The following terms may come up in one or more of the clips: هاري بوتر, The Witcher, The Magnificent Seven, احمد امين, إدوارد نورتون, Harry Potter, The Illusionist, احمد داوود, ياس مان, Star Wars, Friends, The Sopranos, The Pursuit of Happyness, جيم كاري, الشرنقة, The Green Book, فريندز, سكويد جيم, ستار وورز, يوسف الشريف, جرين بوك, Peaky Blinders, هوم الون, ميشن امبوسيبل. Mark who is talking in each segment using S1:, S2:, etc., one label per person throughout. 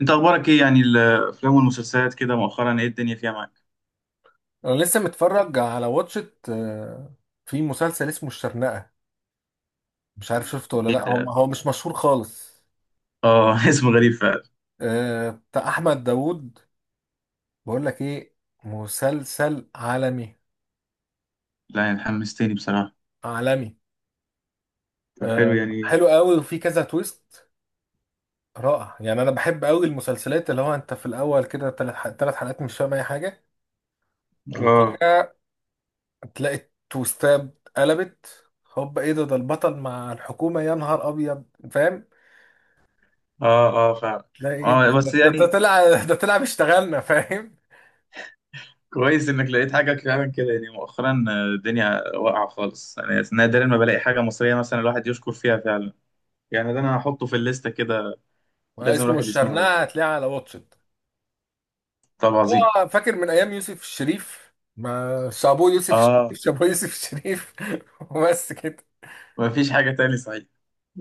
S1: انت اخبارك ايه، يعني الافلام والمسلسلات كده مؤخرا، ايه الدنيا فيها معاك؟
S2: انا لسه متفرج على واتشت في مسلسل اسمه الشرنقة. مش عارف شفته ولا
S1: ايه
S2: لا، هو
S1: ده؟
S2: هو مش مشهور خالص.
S1: اه، اسم غريب فعلا.
S2: آه، بتاع احمد داوود. بقول لك ايه، مسلسل عالمي.
S1: لا يعني حمستني بصراحه.
S2: عالمي.
S1: طب حلو
S2: آه،
S1: يعني.
S2: حلو قوي وفي كذا تويست. رائع، يعني انا بحب قوي المسلسلات اللي هو انت في الاول كده ثلاث ثلاث حلقات مش فاهم اي حاجة.
S1: اه،
S2: وفجأة تلاقي تويستات قلبت. هوب، ايه ده؟ ده البطل مع الحكومة، يا نهار ابيض! فاهم.
S1: اه، اه، فعلا.
S2: لا، ايه
S1: اه، بس يعني
S2: ده طلع اشتغلنا، فاهم.
S1: كويس انك لقيت حاجه فعلا كده، يعني مؤخرا الدنيا واقعه خالص. انا نادرا ما بلاقي حاجه مصريه مثلا الواحد يشكر فيها فعلا. يعني ده، انا هحطه في الليسته كده، لازم
S2: واسمه
S1: الواحد يسمعه يعني.
S2: الشرنقة، هتلاقيه على واتشت.
S1: طب عظيم.
S2: هو فاكر من ايام يوسف الشريف ما شابوه يوسف الشريف
S1: اه،
S2: شابوه يوسف الشريف وبس كده.
S1: مفيش حاجه تاني صحيح؟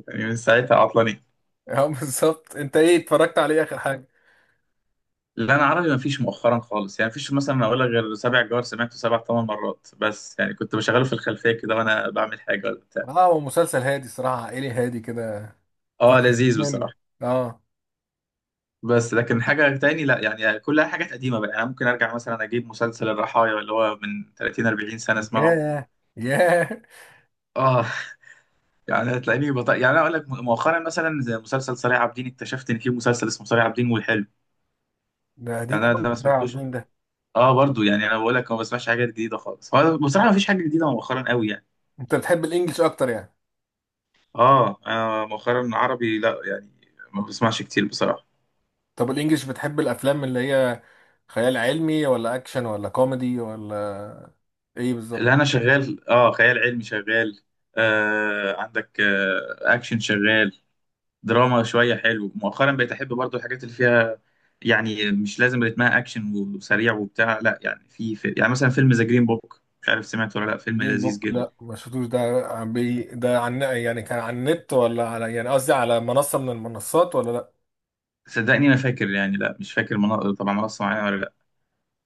S1: يعني من ساعتها عطلانين.
S2: اه بالظبط، انت ايه اتفرجت عليه اخر حاجه؟
S1: لا، انا عربي ما فيش مؤخرا خالص يعني، فيش مثلا اقول لك غير سبع جوار، سمعته سبع ثمان مرات، بس يعني كنت بشغله في الخلفيه كده وانا بعمل حاجه ولا بتاع.
S2: اه، هو مسلسل هادي صراحه، عائلي هادي كده. في
S1: اه،
S2: الخفيف
S1: لذيذ
S2: منه.
S1: بصراحه.
S2: اه.
S1: بس لكن حاجه تاني لا يعني، كلها حاجات قديمه بقى، يعني ممكن ارجع مثلا اجيب مسلسل الرحايا اللي هو من 30 40 سنه، اسمعه.
S2: ياه. ياه.
S1: اه، يعني هتلاقيني يعني انا اقول لك مؤخرا، مثلا زي مسلسل صريع عابدين، اكتشفت ان في مسلسل اسمه صريع عابدين، والحلو
S2: ده قديم
S1: يعني انا
S2: قوي،
S1: ده ما
S2: يا
S1: سمعتوش.
S2: عابدين ده.
S1: اه، برضو يعني انا بقول لك ما بسمعش حاجات جديده خالص، هو بصراحه ما فيش حاجه جديده مؤخرا قوي يعني.
S2: انت بتحب الانجليش اكتر يعني؟
S1: اه، انا مؤخرا عربي لا يعني، ما بسمعش كتير بصراحه.
S2: طب الانجليش، بتحب الافلام اللي هي خيال علمي ولا اكشن ولا كوميدي ولا ايه بالظبط؟
S1: اللي انا شغال، خيال علمي شغال، عندك، اكشن شغال، دراما شويه. حلو مؤخرا بقيت احب برضو الحاجات اللي فيها، يعني مش لازم رتمها اكشن وسريع وبتاع، لا يعني، في يعني مثلا فيلم ذا جرين بوك، مش عارف سمعت ولا لا، فيلم
S2: جرين
S1: لذيذ
S2: بوك؟
S1: جدا.
S2: لا، ما شفتوش ده. عن بي ده، عن يعني كان على النت ولا على يعني قصدي، على منصة من المنصات ولا لا؟
S1: صدقني ما فاكر يعني، لا مش فاكر طبعا منصه معينه ولا،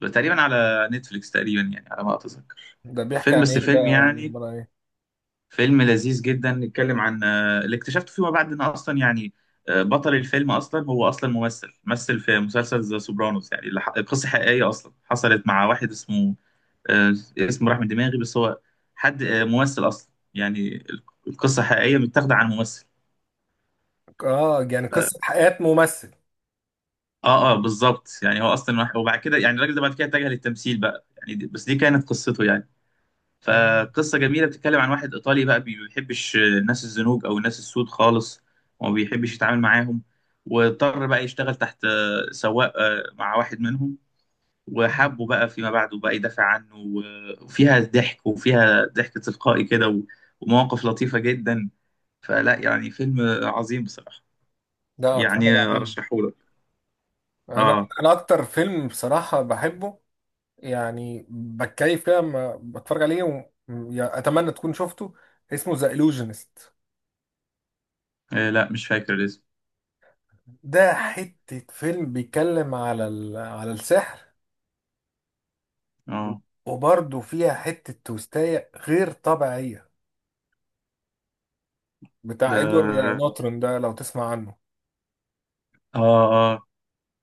S1: لا تقريبا على نتفليكس تقريبا يعني على ما اتذكر.
S2: ده بيحكي
S1: فيلم،
S2: عن
S1: بس
S2: ايه بقى،
S1: فيلم
S2: ولا
S1: يعني،
S2: عبارة عن ايه؟
S1: فيلم لذيذ جدا، نتكلم عن اللي اكتشفته فيما بعد ان اصلا يعني بطل الفيلم اصلا هو اصلا ممثل، مثل في مسلسل ذا سوبرانوس يعني، قصه حقيقيه اصلا حصلت مع واحد اسمه، آه، اسمه راح من دماغي، بس هو حد ممثل اصلا يعني، القصه حقيقيه متاخده عن ممثل.
S2: اه، يعني قصة حياة ممثل.
S1: اه، اه، بالظبط يعني، هو اصلا واحد وبعد كده يعني الراجل ده بعد كده اتجه للتمثيل بقى يعني، بس دي كانت قصته يعني.
S2: مم.
S1: فقصة جميلة بتتكلم عن واحد إيطالي بقى ما بيحبش الناس الزنوج أو الناس السود خالص، وما بيحبش يتعامل معاهم، واضطر بقى يشتغل تحت سواق مع واحد منهم، وحبه بقى فيما بعد وبقى يدافع عنه، وفيها ضحك، وفيها ضحك تلقائي كده، ومواقف لطيفة جدا. فلا يعني، فيلم عظيم بصراحة،
S2: ده اتفرج
S1: يعني
S2: عليه.
S1: أرشحهولك.
S2: انا
S1: آه،
S2: انا اكتر فيلم بصراحة بحبه. يعني بتكيف كده لما بتفرج عليه يعني اتمنى تكون شفته. اسمه ذا illusionist.
S1: آه، لا مش فاكر الاسم.
S2: ده حتة فيلم بيتكلم على السحر.
S1: آه،
S2: وبرضه فيها حتة توستاية غير طبيعية. بتاع إدوارد
S1: ده،
S2: نورتون، ده لو تسمع عنه.
S1: آه، آه، آه،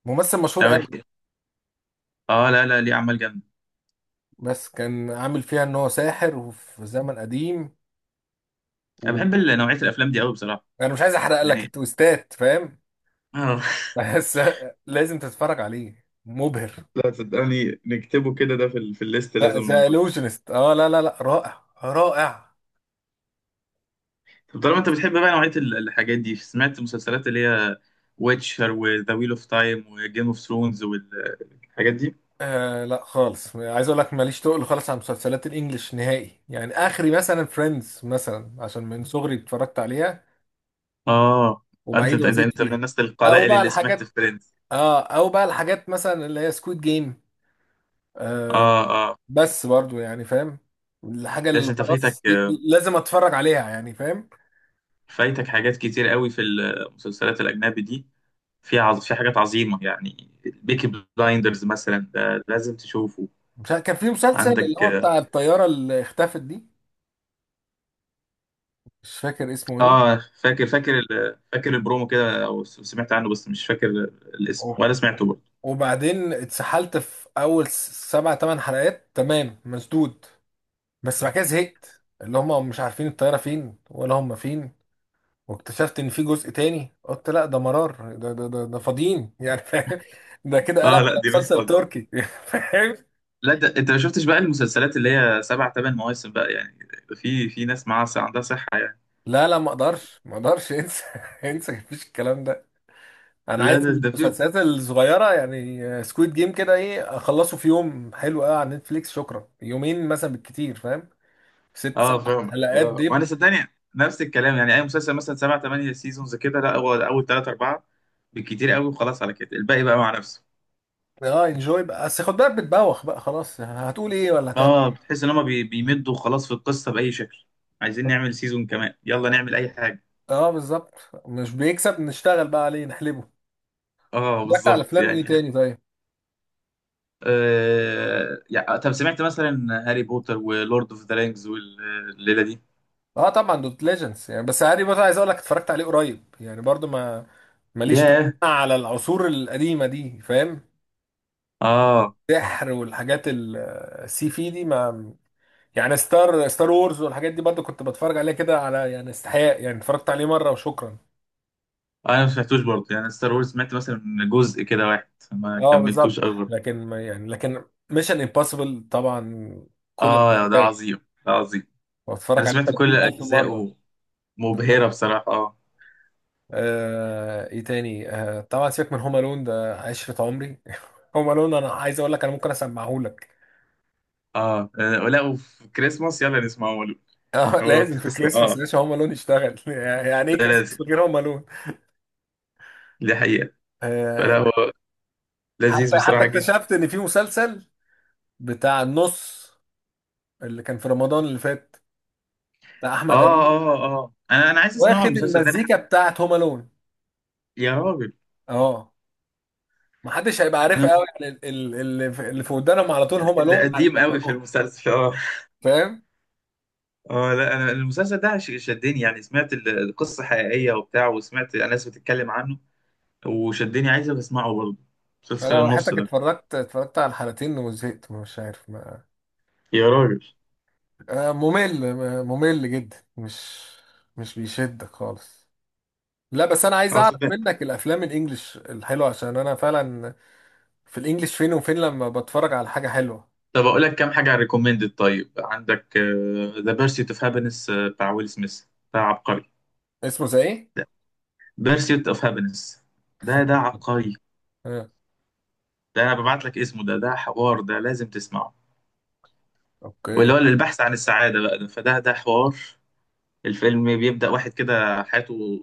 S2: ممثل مشهور
S1: لا
S2: قوي.
S1: احكي. آه، لا لا، ليه أعمال جامدة.
S2: بس كان عامل فيها إن هو ساحر وفي زمن قديم.
S1: انا
S2: وأنا
S1: بحب نوعيه الافلام دي قوي بصراحه،
S2: مش عايز أحرق لك
S1: يعني
S2: التويستات، فاهم.
S1: اه.
S2: بس لازم تتفرج عليه، مبهر.
S1: لا صدقني نكتبه كده، ده في في الليست
S2: لا،
S1: لازم
S2: ذا
S1: نشوف.
S2: إلوجنست. اه، لا لا لا، رائع رائع.
S1: طب طالما انت بتحب بقى نوعيه الحاجات دي، سمعت مسلسلات اللي هي ويتشر وذا ويل اوف تايم وجيم اوف ثرونز الحاجات دي؟
S2: آه، لا خالص، عايز اقول لك ماليش تقل خالص على مسلسلات الانجليش نهائي، يعني اخري مثلا فريندز مثلا، عشان من صغري اتفرجت عليها.
S1: اه، انت
S2: وبعيد
S1: انت
S2: وازيد
S1: انت من
S2: فيها.
S1: الناس
S2: او
S1: القلائل
S2: بقى
S1: اللي سمعت
S2: الحاجات.
S1: في فريندز.
S2: اه، او بقى الحاجات مثلا اللي هي سكويد جيم. آه.
S1: اه، اه،
S2: بس برضو يعني، فاهم. الحاجة
S1: بس
S2: اللي
S1: انت فايتك،
S2: خلاص لازم اتفرج عليها، يعني فاهم.
S1: فايتك حاجات كتير قوي في المسلسلات الاجنبي دي، في في حاجات عظيمه يعني، بيكي بلايندرز مثلا ده لازم تشوفه.
S2: مش عارف- كان في مسلسل اللي
S1: عندك
S2: هو بتاع الطيارة اللي اختفت دي. مش فاكر اسمه ايه.
S1: اه، فاكر، فاكر البرومو كده، او سمعت عنه، بس مش فاكر الاسم
S2: أوه.
S1: ولا سمعته برضه.
S2: وبعدين اتسحلت في اول سبع ثمان حلقات، تمام مسدود. بس بعد كده زهقت، اللي هم مش عارفين الطياره فين ولا هم فين. واكتشفت ان في جزء تاني، قلت لا، ده مرار، ده فاضيين، يعني فاهم. ده كده قلب
S1: اه،
S2: على
S1: لا دي ناس
S2: مسلسل
S1: فاضية.
S2: تركي، فاهم.
S1: لا ده انت ما شفتش بقى المسلسلات اللي هي سبع ثمان مواسم بقى يعني، في ناس معاها عندها صحة يعني.
S2: لا لا، ما اقدرش ما اقدرش انسى، انسى مفيش الكلام ده. انا
S1: لا،
S2: عايز
S1: ده في.
S2: المسلسلات الصغيره، يعني سكويد جيم كده، ايه، اخلصه في يوم حلو قوي على نتفليكس، شكرا، يومين مثلا بالكتير، فاهم. ست
S1: اه
S2: سبع
S1: فاهمك
S2: حلقات
S1: وانا
S2: دب.
S1: صدقني نفس الكلام يعني، اي مسلسل مثلا سبع ثمانية سيزونز كده، لا، هو اول ثلاثة أربعة بالكتير قوي، وخلاص على كده الباقي بقى مع نفسه.
S2: اه انجوي بقى، بس خد بالك بتبوخ بقى خلاص، هتقول ايه ولا هتعمل.
S1: اه، بتحس ان هما بيمدوا خلاص في القصة بأي شكل، عايزين نعمل سيزون كمان يلا نعمل اي حاجة.
S2: اه بالظبط، مش بيكسب نشتغل بقى عليه نحلبه.
S1: اه،
S2: اتفرجت على
S1: بالظبط
S2: افلام ايه
S1: يعني،
S2: تاني طيب؟
S1: يعني طب سمعت مثلا هاري بوتر ولورد اوف ذا رينجز والليله دي؟
S2: اه طبعا، دوت ليجندز يعني، بس هاري بوتر عايز اقول لك اتفرجت عليه قريب، يعني برضو ما، ماليش تقول
S1: ياه.
S2: على العصور القديمه دي، فاهم.
S1: اه،
S2: سحر والحاجات السي في دي ما، يعني ستار وورز والحاجات دي برضو كنت بتفرج عليها كده، على يعني استحياء، يعني اتفرجت عليه مره وشكرا.
S1: انا ما سمعتوش برضه يعني، ستار وورز سمعت مثلا جزء كده واحد، ما
S2: اه بالظبط،
S1: كملتوش قوي برضه.
S2: لكن ما يعني لكن، ميشن امبوسيبل طبعا، كل
S1: اه، ده
S2: الحلقات.
S1: عظيم، ده عظيم، انا
S2: واتفرج عليه
S1: سمعت كل
S2: 30,000 مره.
S1: اجزائه مبهره بصراحه، اه.
S2: ايه تاني؟ آه طبعا، سيبك من هوم الون، ده عشرة عمري. هوم الون، انا عايز اقول لك انا ممكن اسمعه لك.
S1: اه، لا وفي كريسماس يلا نسمعه هو،
S2: آه،
S1: هو
S2: لازم في
S1: بتحس
S2: كريسماس
S1: اه،
S2: ليش هوم الون يشتغل، يعني ايه
S1: ده لازم،
S2: كريسماس من غير هوم الون.
S1: دي حقيقه، فلا
S2: آه.
S1: هو لذيذ
S2: حتى
S1: بصراحه جدا.
S2: اكتشفت ان في مسلسل بتاع النص، اللي كان في رمضان اللي فات، بتاع احمد
S1: اه،
S2: امين،
S1: اه، اه، انا عايز اسمعه
S2: واخد
S1: المسلسل ده،
S2: المزيكا بتاعت هوم الون.
S1: يا راجل،
S2: اه، محدش هيبقى عارفها قوي، يعني اللي في ودانهم على طول هوم
S1: اللي
S2: الون
S1: قديم قوي في
S2: هيسمعوها،
S1: المسلسل اه.
S2: فاهم.
S1: اه، لا انا المسلسل ده شدني يعني، سمعت القصه حقيقيه وبتاع، وسمعت ناس بتتكلم عنه وشدني، عايز اسمعه برضه، مسلسل
S2: لو
S1: النص
S2: حياتك
S1: ده.
S2: اتفرجت على الحلقتين وزهقت، مش عارف ما.
S1: يا راجل.
S2: ممل جدا مش بيشدك خالص. لا، بس انا عايز
S1: اه
S2: اعرف
S1: صدقني.
S2: منك الافلام الانجليش الحلوه، عشان انا فعلا، في الانجليش فين وفين لما بتفرج على حاجه حلوه.
S1: طب اقول لك كام حاجه ريكومندد طيب، عندك ذا بيرسيت اوف هابينس بتاع ويل سميث، ده عبقري.
S2: اسمه زي ايه؟
S1: بيرسيت اوف هابينس، ده
S2: عشان-
S1: عبقري.
S2: آه،
S1: ده، انا ببعت لك اسمه، ده حوار، ده لازم تسمعه، واللي
S2: اوكي.
S1: هو البحث عن السعاده بقى، ده فده حوار. الفيلم بيبدأ واحد كده حياته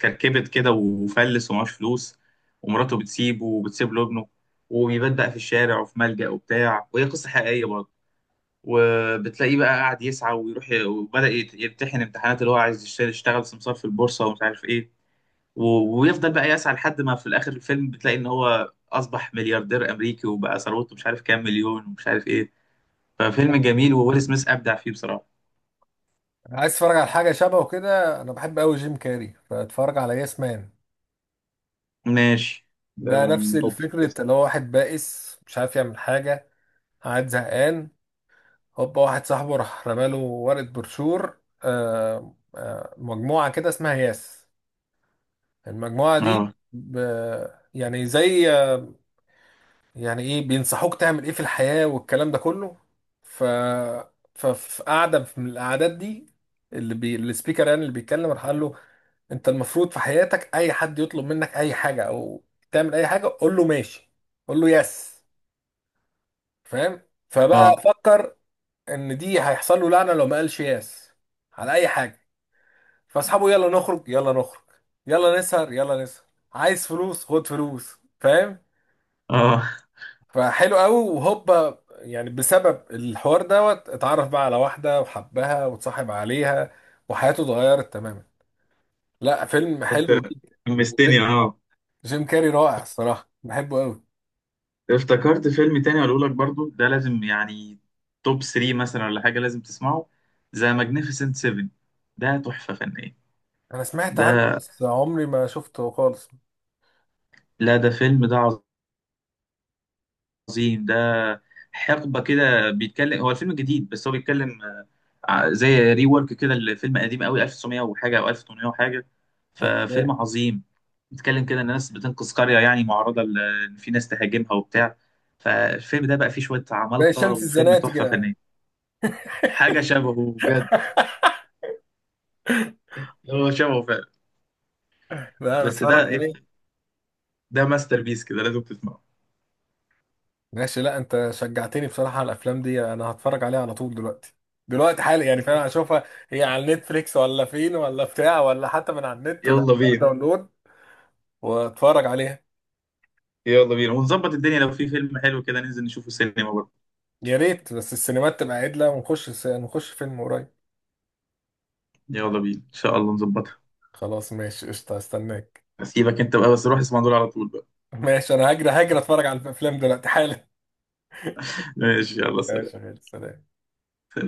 S1: كركبت كده وفلس ومعهوش فلوس، ومراته بتسيبه وبتسيب له ابنه، وبيبدأ في الشارع وفي ملجأ وبتاع، وهي قصة حقيقية برضه. وبتلاقيه بقى قاعد يسعى ويروح وبدأ يمتحن امتحانات، اللي هو عايز يشتغل سمسار في البورصة ومش عارف ايه، ويفضل بقى يسعى لحد ما في الآخر الفيلم بتلاقي إن هو أصبح ملياردير أمريكي، وبقى ثروته مش عارف كام مليون ومش عارف ايه. ففيلم جميل، وويل سميث أبدع فيه بصراحة.
S2: عايز اتفرج على حاجه شبهه كده، انا بحب قوي جيم كاري فاتفرج على ياس مان.
S1: ماشي، ده
S2: ده نفس
S1: محطوط في
S2: الفكره،
S1: الليستة.
S2: اللي هو واحد بائس مش عارف يعمل حاجه، قاعد زهقان. هوبا، واحد صاحبه راح رماله ورقة بروشور، مجموعة كده اسمها ياس. المجموعة
S1: اه،
S2: دي يعني زي، يعني ايه، بينصحوك تعمل ايه في الحياة والكلام ده كله. ف ففي قعدة من القعدات دي، السبيكر يعني اللي بيتكلم راح قال له: انت المفروض في حياتك، اي حد يطلب منك اي حاجة او تعمل اي حاجة، قول له ماشي، قول له يس، فاهم. فبقى
S1: اه،
S2: فكر ان دي هيحصل له لعنة لو ما قالش يس على اي حاجة. فاصحابه: يلا نخرج يلا نخرج، يلا نسهر يلا نسهر، عايز فلوس خد فلوس، فاهم.
S1: اه،
S2: فحلو قوي، وهوبا يعني بسبب الحوار دوت اتعرف بقى على واحدة وحبها واتصاحب عليها، وحياته اتغيرت تماما. لا، فيلم حلو
S1: انت
S2: جدا.
S1: حمستني اه.
S2: جيم كاري رائع، الصراحة بحبه قوي.
S1: افتكرت فيلم تاني اقول لك برضو، ده لازم يعني توب 3 مثلا ولا حاجه، لازم تسمعه، ذا ماجنيفيسنت 7 ده تحفه فنيه.
S2: انا سمعت عنه
S1: ده،
S2: بس عمري ما شفته خالص.
S1: لا ده فيلم ده عظيم، ده حقبه كده بيتكلم، هو الفيلم جديد بس هو بيتكلم زي ري ورك كده لفيلم قديم قوي، 1900 وحاجه او 1800 وحاجه، ففيلم
S2: اوكي.
S1: عظيم. بيتكلم كده ان ناس بتنقذ قريه يعني معرضه ان في ناس تهاجمها وبتاع، فالفيلم ده بقى فيه شويه
S2: زي
S1: عمالقه،
S2: شمس
S1: وفيلم
S2: الزناتي
S1: تحفه
S2: كده يعني.
S1: فنيه. حاجه شبهه بجد، هو شبهه فعلا.
S2: لا، انا
S1: بس
S2: اتفرج
S1: ده إيه؟
S2: عليه.
S1: ده ماستر بيس كده لازم تسمعه.
S2: ماشي، لا انت شجعتني بصراحة على الافلام دي، انا هتفرج عليها على طول دلوقتي، دلوقتي حالي يعني فعلا هشوفها. هي على نتفليكس ولا فين ولا بتاع، ولا حتى من على النت
S1: يلا
S2: ونعملها
S1: بينا،
S2: داونلود؟ واتفرج عليها.
S1: يلا بينا ونظبط الدنيا، لو في فيلم حلو كده ننزل نشوفه سينما برضه.
S2: يا ريت بس السينمات تبقى عدلة ونخش الس- نخش فيلم قريب.
S1: يلا بينا ان شاء الله نظبطها.
S2: خلاص ماشي، قشطة استناك.
S1: هسيبك انت بقى، بس روح اسمع دول على طول بقى.
S2: ماشي، انا هجري هجري اتفرج على الافلام دلوقتي حالا.
S1: ماشي يلا، سلام.
S2: ماشي يا غالي، سلام.
S1: سلام.